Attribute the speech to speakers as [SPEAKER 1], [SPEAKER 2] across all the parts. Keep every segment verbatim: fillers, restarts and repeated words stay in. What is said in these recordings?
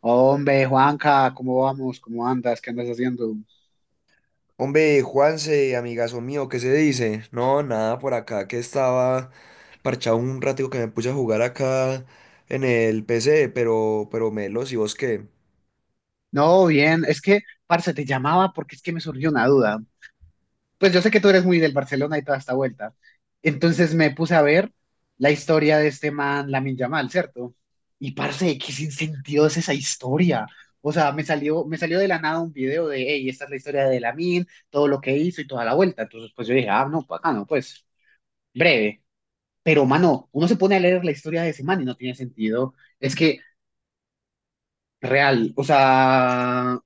[SPEAKER 1] Hombre, Juanca, ¿cómo vamos? ¿Cómo andas? ¿Qué andas haciendo?
[SPEAKER 2] Hombre, Juanse, amigazo mío, ¿qué se dice? No, nada por acá, que estaba parchado un ratico que me puse a jugar acá en el P C, pero, pero Melos, ¿y vos qué?
[SPEAKER 1] No, bien, es que, parce, te llamaba porque es que me surgió una duda. Pues yo sé que tú eres muy del Barcelona y toda esta vuelta. Entonces me puse a ver la historia de este man, Lamine Yamal, ¿cierto? Y parce, qué sin sentido es esa historia. O sea, me salió, me salió de la nada un video de, hey, esta es la historia de Lamine, todo lo que hizo y toda la vuelta. Entonces, pues yo dije, ah, no, pues, acá no, pues, breve. Pero, mano, uno se pone a leer la historia de ese man y no tiene sentido. Es que real, o sea,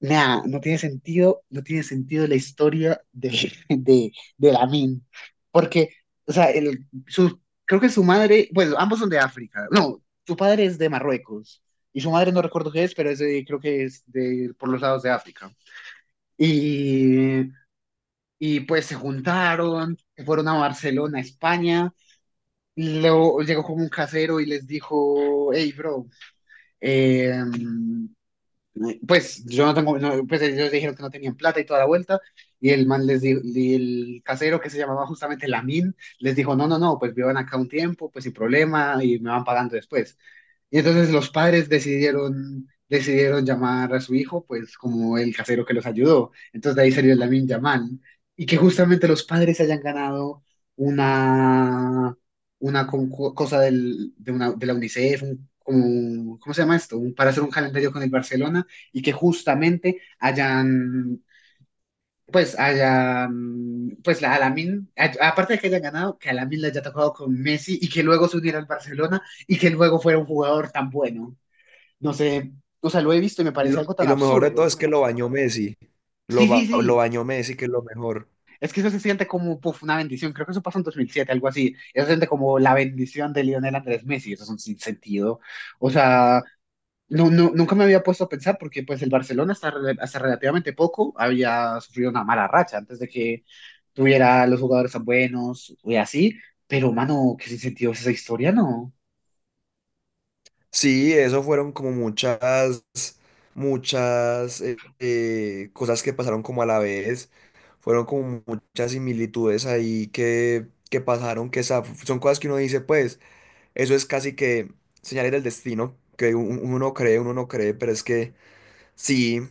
[SPEAKER 1] nada, no tiene sentido, no tiene sentido la historia de, de, de Lamin, porque, o sea, el, su, creo que su madre, bueno, ambos son de África, no, su padre es de Marruecos, y su madre no recuerdo qué es, pero es de- creo que es de, por los lados de África. Y, y pues se juntaron, se fueron a Barcelona, España, y luego llegó como un casero y les dijo, hey, bro, eh, Pues yo no tengo, no, pues ellos dijeron que no tenían plata y toda la vuelta, y el man les dijo, y el casero que se llamaba justamente Lamin, les dijo, no, no, no, pues vivan acá un tiempo, pues sin problema, y me van pagando después. Y entonces los padres decidieron, decidieron llamar a su hijo, pues como el casero que los ayudó. Entonces de ahí salió el Lamin Yamal, y que justamente los padres hayan ganado una, una con- co- cosa del, de, una, de la UNICEF, un como, un- ¿cómo se llama esto? Un- para hacer un calendario con el Barcelona y que justamente hayan, pues, hayan, pues, la Alamin, aparte de que hayan ganado, que Alamin le haya tocado con Messi y que luego se uniera al Barcelona y que luego fuera un jugador tan bueno. No sé, o sea, lo he visto y me
[SPEAKER 2] Y
[SPEAKER 1] parece
[SPEAKER 2] lo,
[SPEAKER 1] algo
[SPEAKER 2] y
[SPEAKER 1] tan
[SPEAKER 2] lo mejor de todo
[SPEAKER 1] absurdo.
[SPEAKER 2] es que lo bañó Messi, lo,
[SPEAKER 1] Sí, sí,
[SPEAKER 2] ba- lo
[SPEAKER 1] sí.
[SPEAKER 2] bañó Messi, que es lo mejor.
[SPEAKER 1] Es que eso se siente como puff, una bendición. Creo que eso pasó en dos mil siete, algo así. Eso se siente como la bendición de Lionel Andrés Messi. Eso es un sinsentido. O sea, no, no, nunca me había puesto a pensar porque pues el Barcelona hasta, rel- hasta relativamente poco había sufrido una mala racha antes de que tuviera los jugadores tan buenos y así, pero mano, ¿qué sentido es esa historia? No.
[SPEAKER 2] Sí, eso fueron como muchas, muchas eh, eh, cosas que pasaron como a la vez, fueron como muchas similitudes ahí que, que pasaron, que sa- son cosas que uno dice, pues. Eso es casi que señales del destino, que un- uno no cree, uno no cree, pero es que sí,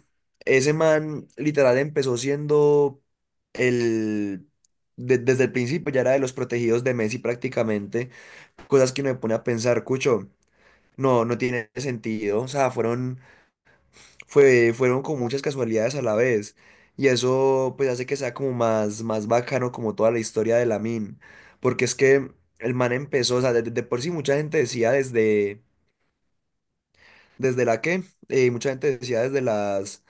[SPEAKER 2] ese man literal empezó siendo el... de- desde el principio ya era de los protegidos de Messi prácticamente, cosas que uno me pone a pensar, Cucho, no, no tiene sentido, o sea, fueron, fue, fueron con muchas casualidades a la vez, y eso pues hace que sea como más, más bacano como toda la historia de Lamine, porque es que el man empezó, o sea, de de- de por sí mucha gente decía desde... ¿Desde la qué? Eh, mucha gente decía desde las,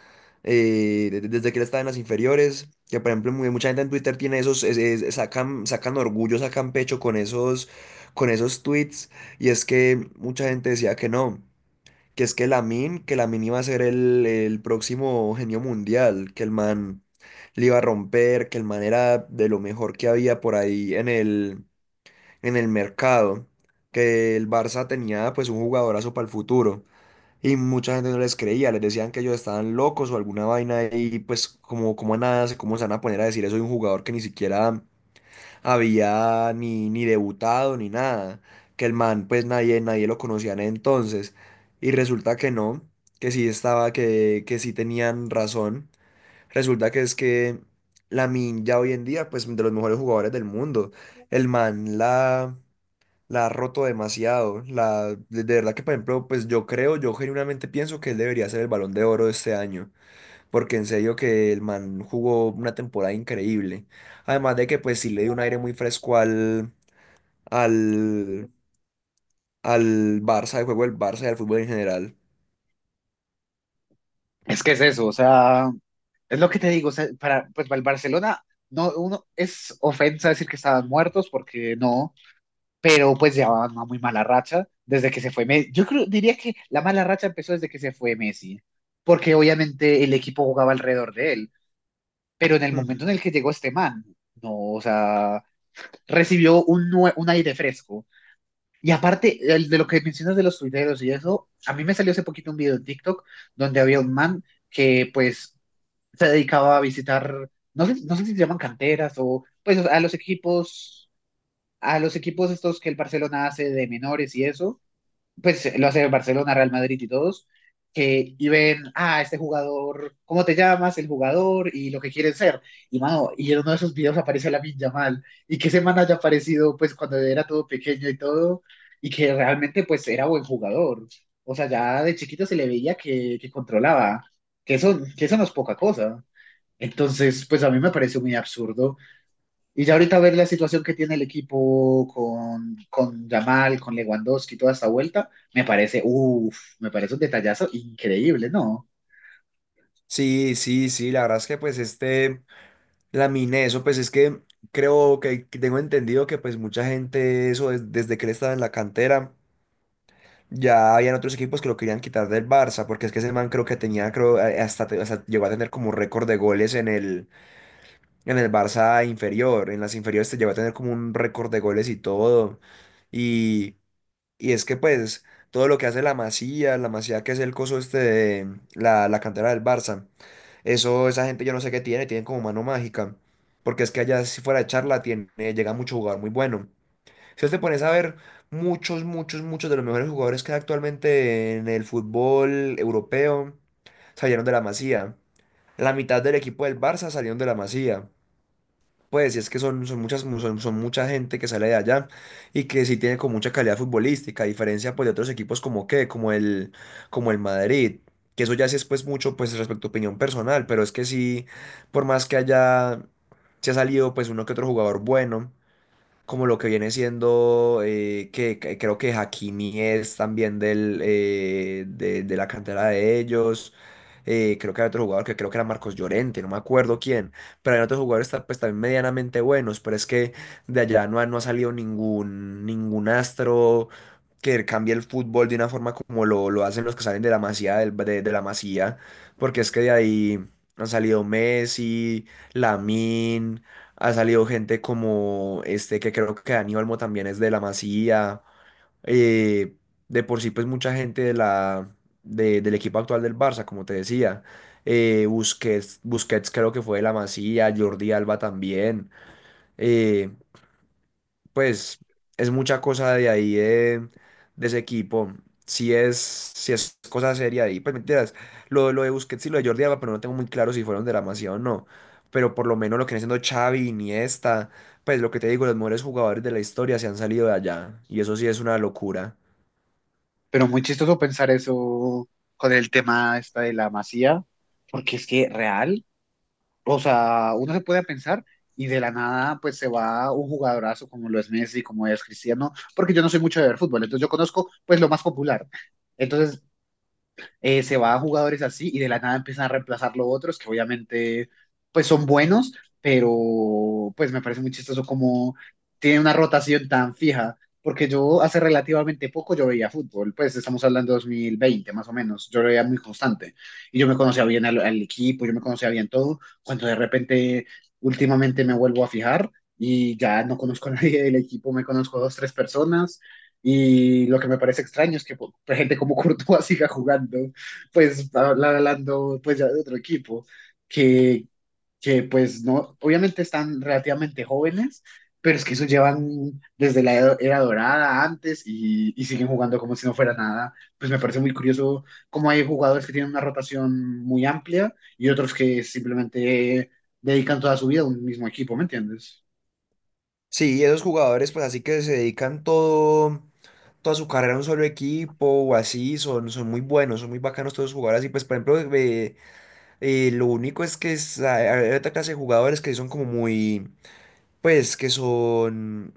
[SPEAKER 2] eh, de- desde que él estaba en las inferiores, que por ejemplo muy- mucha gente en Twitter tiene esos, es- es- sacan, sacan orgullo, sacan pecho con esos, con esos tweets, y es que mucha gente decía que no, que es que Lamin que Lamine iba a ser el, el próximo genio mundial, que el man le iba a romper, que el man era de lo mejor que había por ahí en el, en el mercado, que el Barça tenía pues un jugadorazo para el futuro. Y mucha gente no les creía, les decían que ellos estaban locos o alguna vaina y pues como, como a nada, se- cómo se van a poner a decir eso de un jugador que ni siquiera había ni, ni debutado ni nada, que el man pues nadie, nadie lo conocía en ese entonces y resulta que no, que sí estaba, que, que sí tenían razón, resulta que es que Min ya hoy en día pues de los mejores jugadores del mundo, el man la la ha roto demasiado. La, de de verdad que, por ejemplo, pues yo creo, yo genuinamente pienso que él debería ser el Balón de Oro de este año, porque en serio que el man jugó una temporada increíble. Además de que, pues sí le dio un aire muy fresco al, al, al Barça, al juego del Barça y al fútbol en general.
[SPEAKER 1] Es que es eso, o sea, es lo que te digo, o sea, para, pues para el Barcelona no, uno, es ofensa decir que estaban muertos porque no, pero pues llevaban una muy mala racha desde que se fue Messi. Yo creo, diría que la mala racha empezó desde que se fue Messi, porque obviamente el equipo jugaba alrededor de él. Pero en el
[SPEAKER 2] Hmm.
[SPEAKER 1] momento en el que llegó este man, no, o sea, recibió un, nue- un aire fresco. Y aparte, el de lo que mencionas de los tuiteros y eso, a mí me salió hace poquito un video en TikTok donde había un man que pues se dedicaba a visitar, no sé, no sé si se llaman canteras o pues a los equipos, a los equipos, estos que el Barcelona hace de menores y eso pues lo hace el Barcelona, Real Madrid y todos, que y ven, ah, este jugador, ¿cómo te llamas? El jugador y lo que quieren ser. Y mano, y en uno de esos videos aparece la Yamal y que semana haya aparecido pues cuando era todo pequeño y todo y que realmente pues era buen jugador. O sea, ya de chiquito se le veía que, que, controlaba, que eso, que eso no es poca cosa. Entonces, pues a mí me pareció muy absurdo. Y ya ahorita ver la situación que tiene el equipo con, con Yamal, con Lewandowski, toda esta vuelta, me parece, uff, me parece un detallazo increíble, ¿no?
[SPEAKER 2] Sí, sí, sí, la verdad es que, pues este, Lamine, eso, pues es que creo que que tengo entendido que, pues mucha gente, eso, des- desde que él estaba en la cantera. Ya habían otros equipos que lo querían quitar del Barça, porque es que ese man creo que tenía, creo, eh, hasta, te- hasta llegó a tener como récord de goles en el, en el Barça inferior, en las inferiores te llegó a tener como un récord de goles y todo. Y, y es que pues todo lo que hace la Masía, la Masía que es el coso este de la, la cantera del Barça, eso, esa gente yo no sé qué tiene, tienen como mano mágica, porque es que allá si fuera de charla tiene, llega mucho jugador muy bueno. Si vos te pones a ver muchos, muchos, muchos de los mejores jugadores que hay actualmente en el fútbol europeo salieron de la Masía. La mitad del equipo del Barça salieron de la Masía. Pues, y es que son, son muchas, son, son mucha gente que sale de allá y que sí tiene con mucha calidad futbolística, a diferencia pues, de otros equipos como qué, como el, como el Madrid. Que eso ya sí es pues mucho pues respecto a opinión personal, pero es que sí, por más que haya, se ha salido pues uno que otro jugador bueno como lo que viene siendo, eh, que, que creo que Hakimi es también del, eh, de, de la cantera de ellos. eh, creo que hay otro jugador que creo que era Marcos Llorente, no me acuerdo quién, pero hay otros jugadores ta- pues también medianamente buenos, pero es que de allá no ha, no ha salido ningún, ningún astro que cambie el fútbol de una forma como lo, lo hacen los que salen de la Masía, del- de, de la Masía, porque es que de ahí han salido Messi, Lamine. Ha salido gente como este, que creo que Dani Olmo también es de la Masía. eh, de por sí, pues mucha gente de la, de- del equipo actual del Barça, como te decía. Eh, Busquets, Busquets creo que fue de la Masía, Jordi Alba también. eh, pues es mucha cosa de ahí, de, de ese equipo. Si es, si es cosa seria ahí, pues mentiras. Lo, lo de Busquets y lo de Jordi Alba, pero no tengo muy claro si fueron de la Masía o no. Pero por lo menos lo que viene siendo Xavi, Iniesta, pues lo que te digo, los mejores jugadores de la historia se han salido de allá. Y eso sí es una locura.
[SPEAKER 1] Pero muy chistoso pensar eso con el tema esta de la Masía, porque es que real, o sea, uno se puede pensar y de la nada pues se va un jugadorazo como lo es Messi, como es Cristiano, porque yo no soy mucho de ver fútbol, entonces yo conozco pues lo más popular. Entonces eh, se va a jugadores así y de la nada empiezan a reemplazarlo otros que obviamente pues son buenos, pero pues me parece muy chistoso como tiene una rotación tan fija, porque yo hace relativamente poco yo veía fútbol, pues estamos hablando de dos mil veinte más o menos, yo lo veía muy constante y yo me conocía bien al, al, equipo, yo me conocía bien todo, cuando de repente últimamente me vuelvo a fijar y ya no conozco a nadie del equipo, me conozco a dos, tres personas y lo que me parece extraño es que pues, gente como Courtois siga jugando pues habla- hablando pues ya de otro equipo, que, que pues no, obviamente están relativamente jóvenes, pero es que eso llevan desde la edo- era dorada antes y, y siguen jugando como si no fuera nada. Pues me parece muy curioso cómo hay jugadores que tienen una rotación muy amplia y otros que simplemente dedican toda su vida a un mismo equipo, ¿me entiendes?
[SPEAKER 2] Sí, esos jugadores, pues así que se dedican todo, toda su carrera a un solo equipo o así, son, son muy buenos, son muy bacanos todos los jugadores. Y pues, por ejemplo, Eh, lo único es que es- hay hay otra clase de jugadores que son como muy, pues, que son,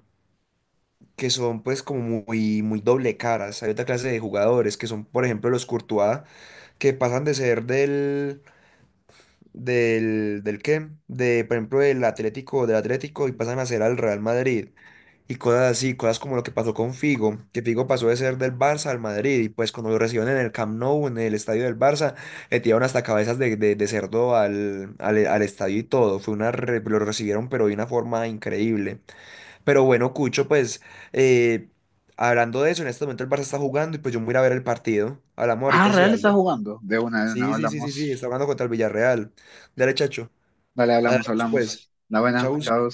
[SPEAKER 2] que son, pues, como muy, muy doble caras. Hay otra clase de jugadores que son, por ejemplo, los Courtois, que pasan de ser del, del, del qué, de por ejemplo del Atlético, del Atlético y pasan a ser al Real Madrid y cosas así, cosas como lo que pasó con Figo, que Figo pasó de ser del Barça al Madrid y pues cuando lo recibieron en el Camp Nou, en el estadio del Barça, le tiraron hasta cabezas de, de, de cerdo al, al, al estadio y todo, fue una, re- lo recibieron pero de una forma increíble, pero bueno, Cucho, pues... eh, hablando de eso, en este momento el Barça está jugando y pues yo me voy a ir a ver el partido. Hablamos
[SPEAKER 1] Ah,
[SPEAKER 2] ahorita si
[SPEAKER 1] Real está
[SPEAKER 2] algo.
[SPEAKER 1] jugando. De una, de una,
[SPEAKER 2] Sí, sí, sí, sí, sí, está
[SPEAKER 1] hablamos.
[SPEAKER 2] jugando contra el Villarreal. Dale, chacho.
[SPEAKER 1] Dale,
[SPEAKER 2] Ahí
[SPEAKER 1] hablamos,
[SPEAKER 2] hablamos pues.
[SPEAKER 1] hablamos. La buena,
[SPEAKER 2] Chau.
[SPEAKER 1] chao.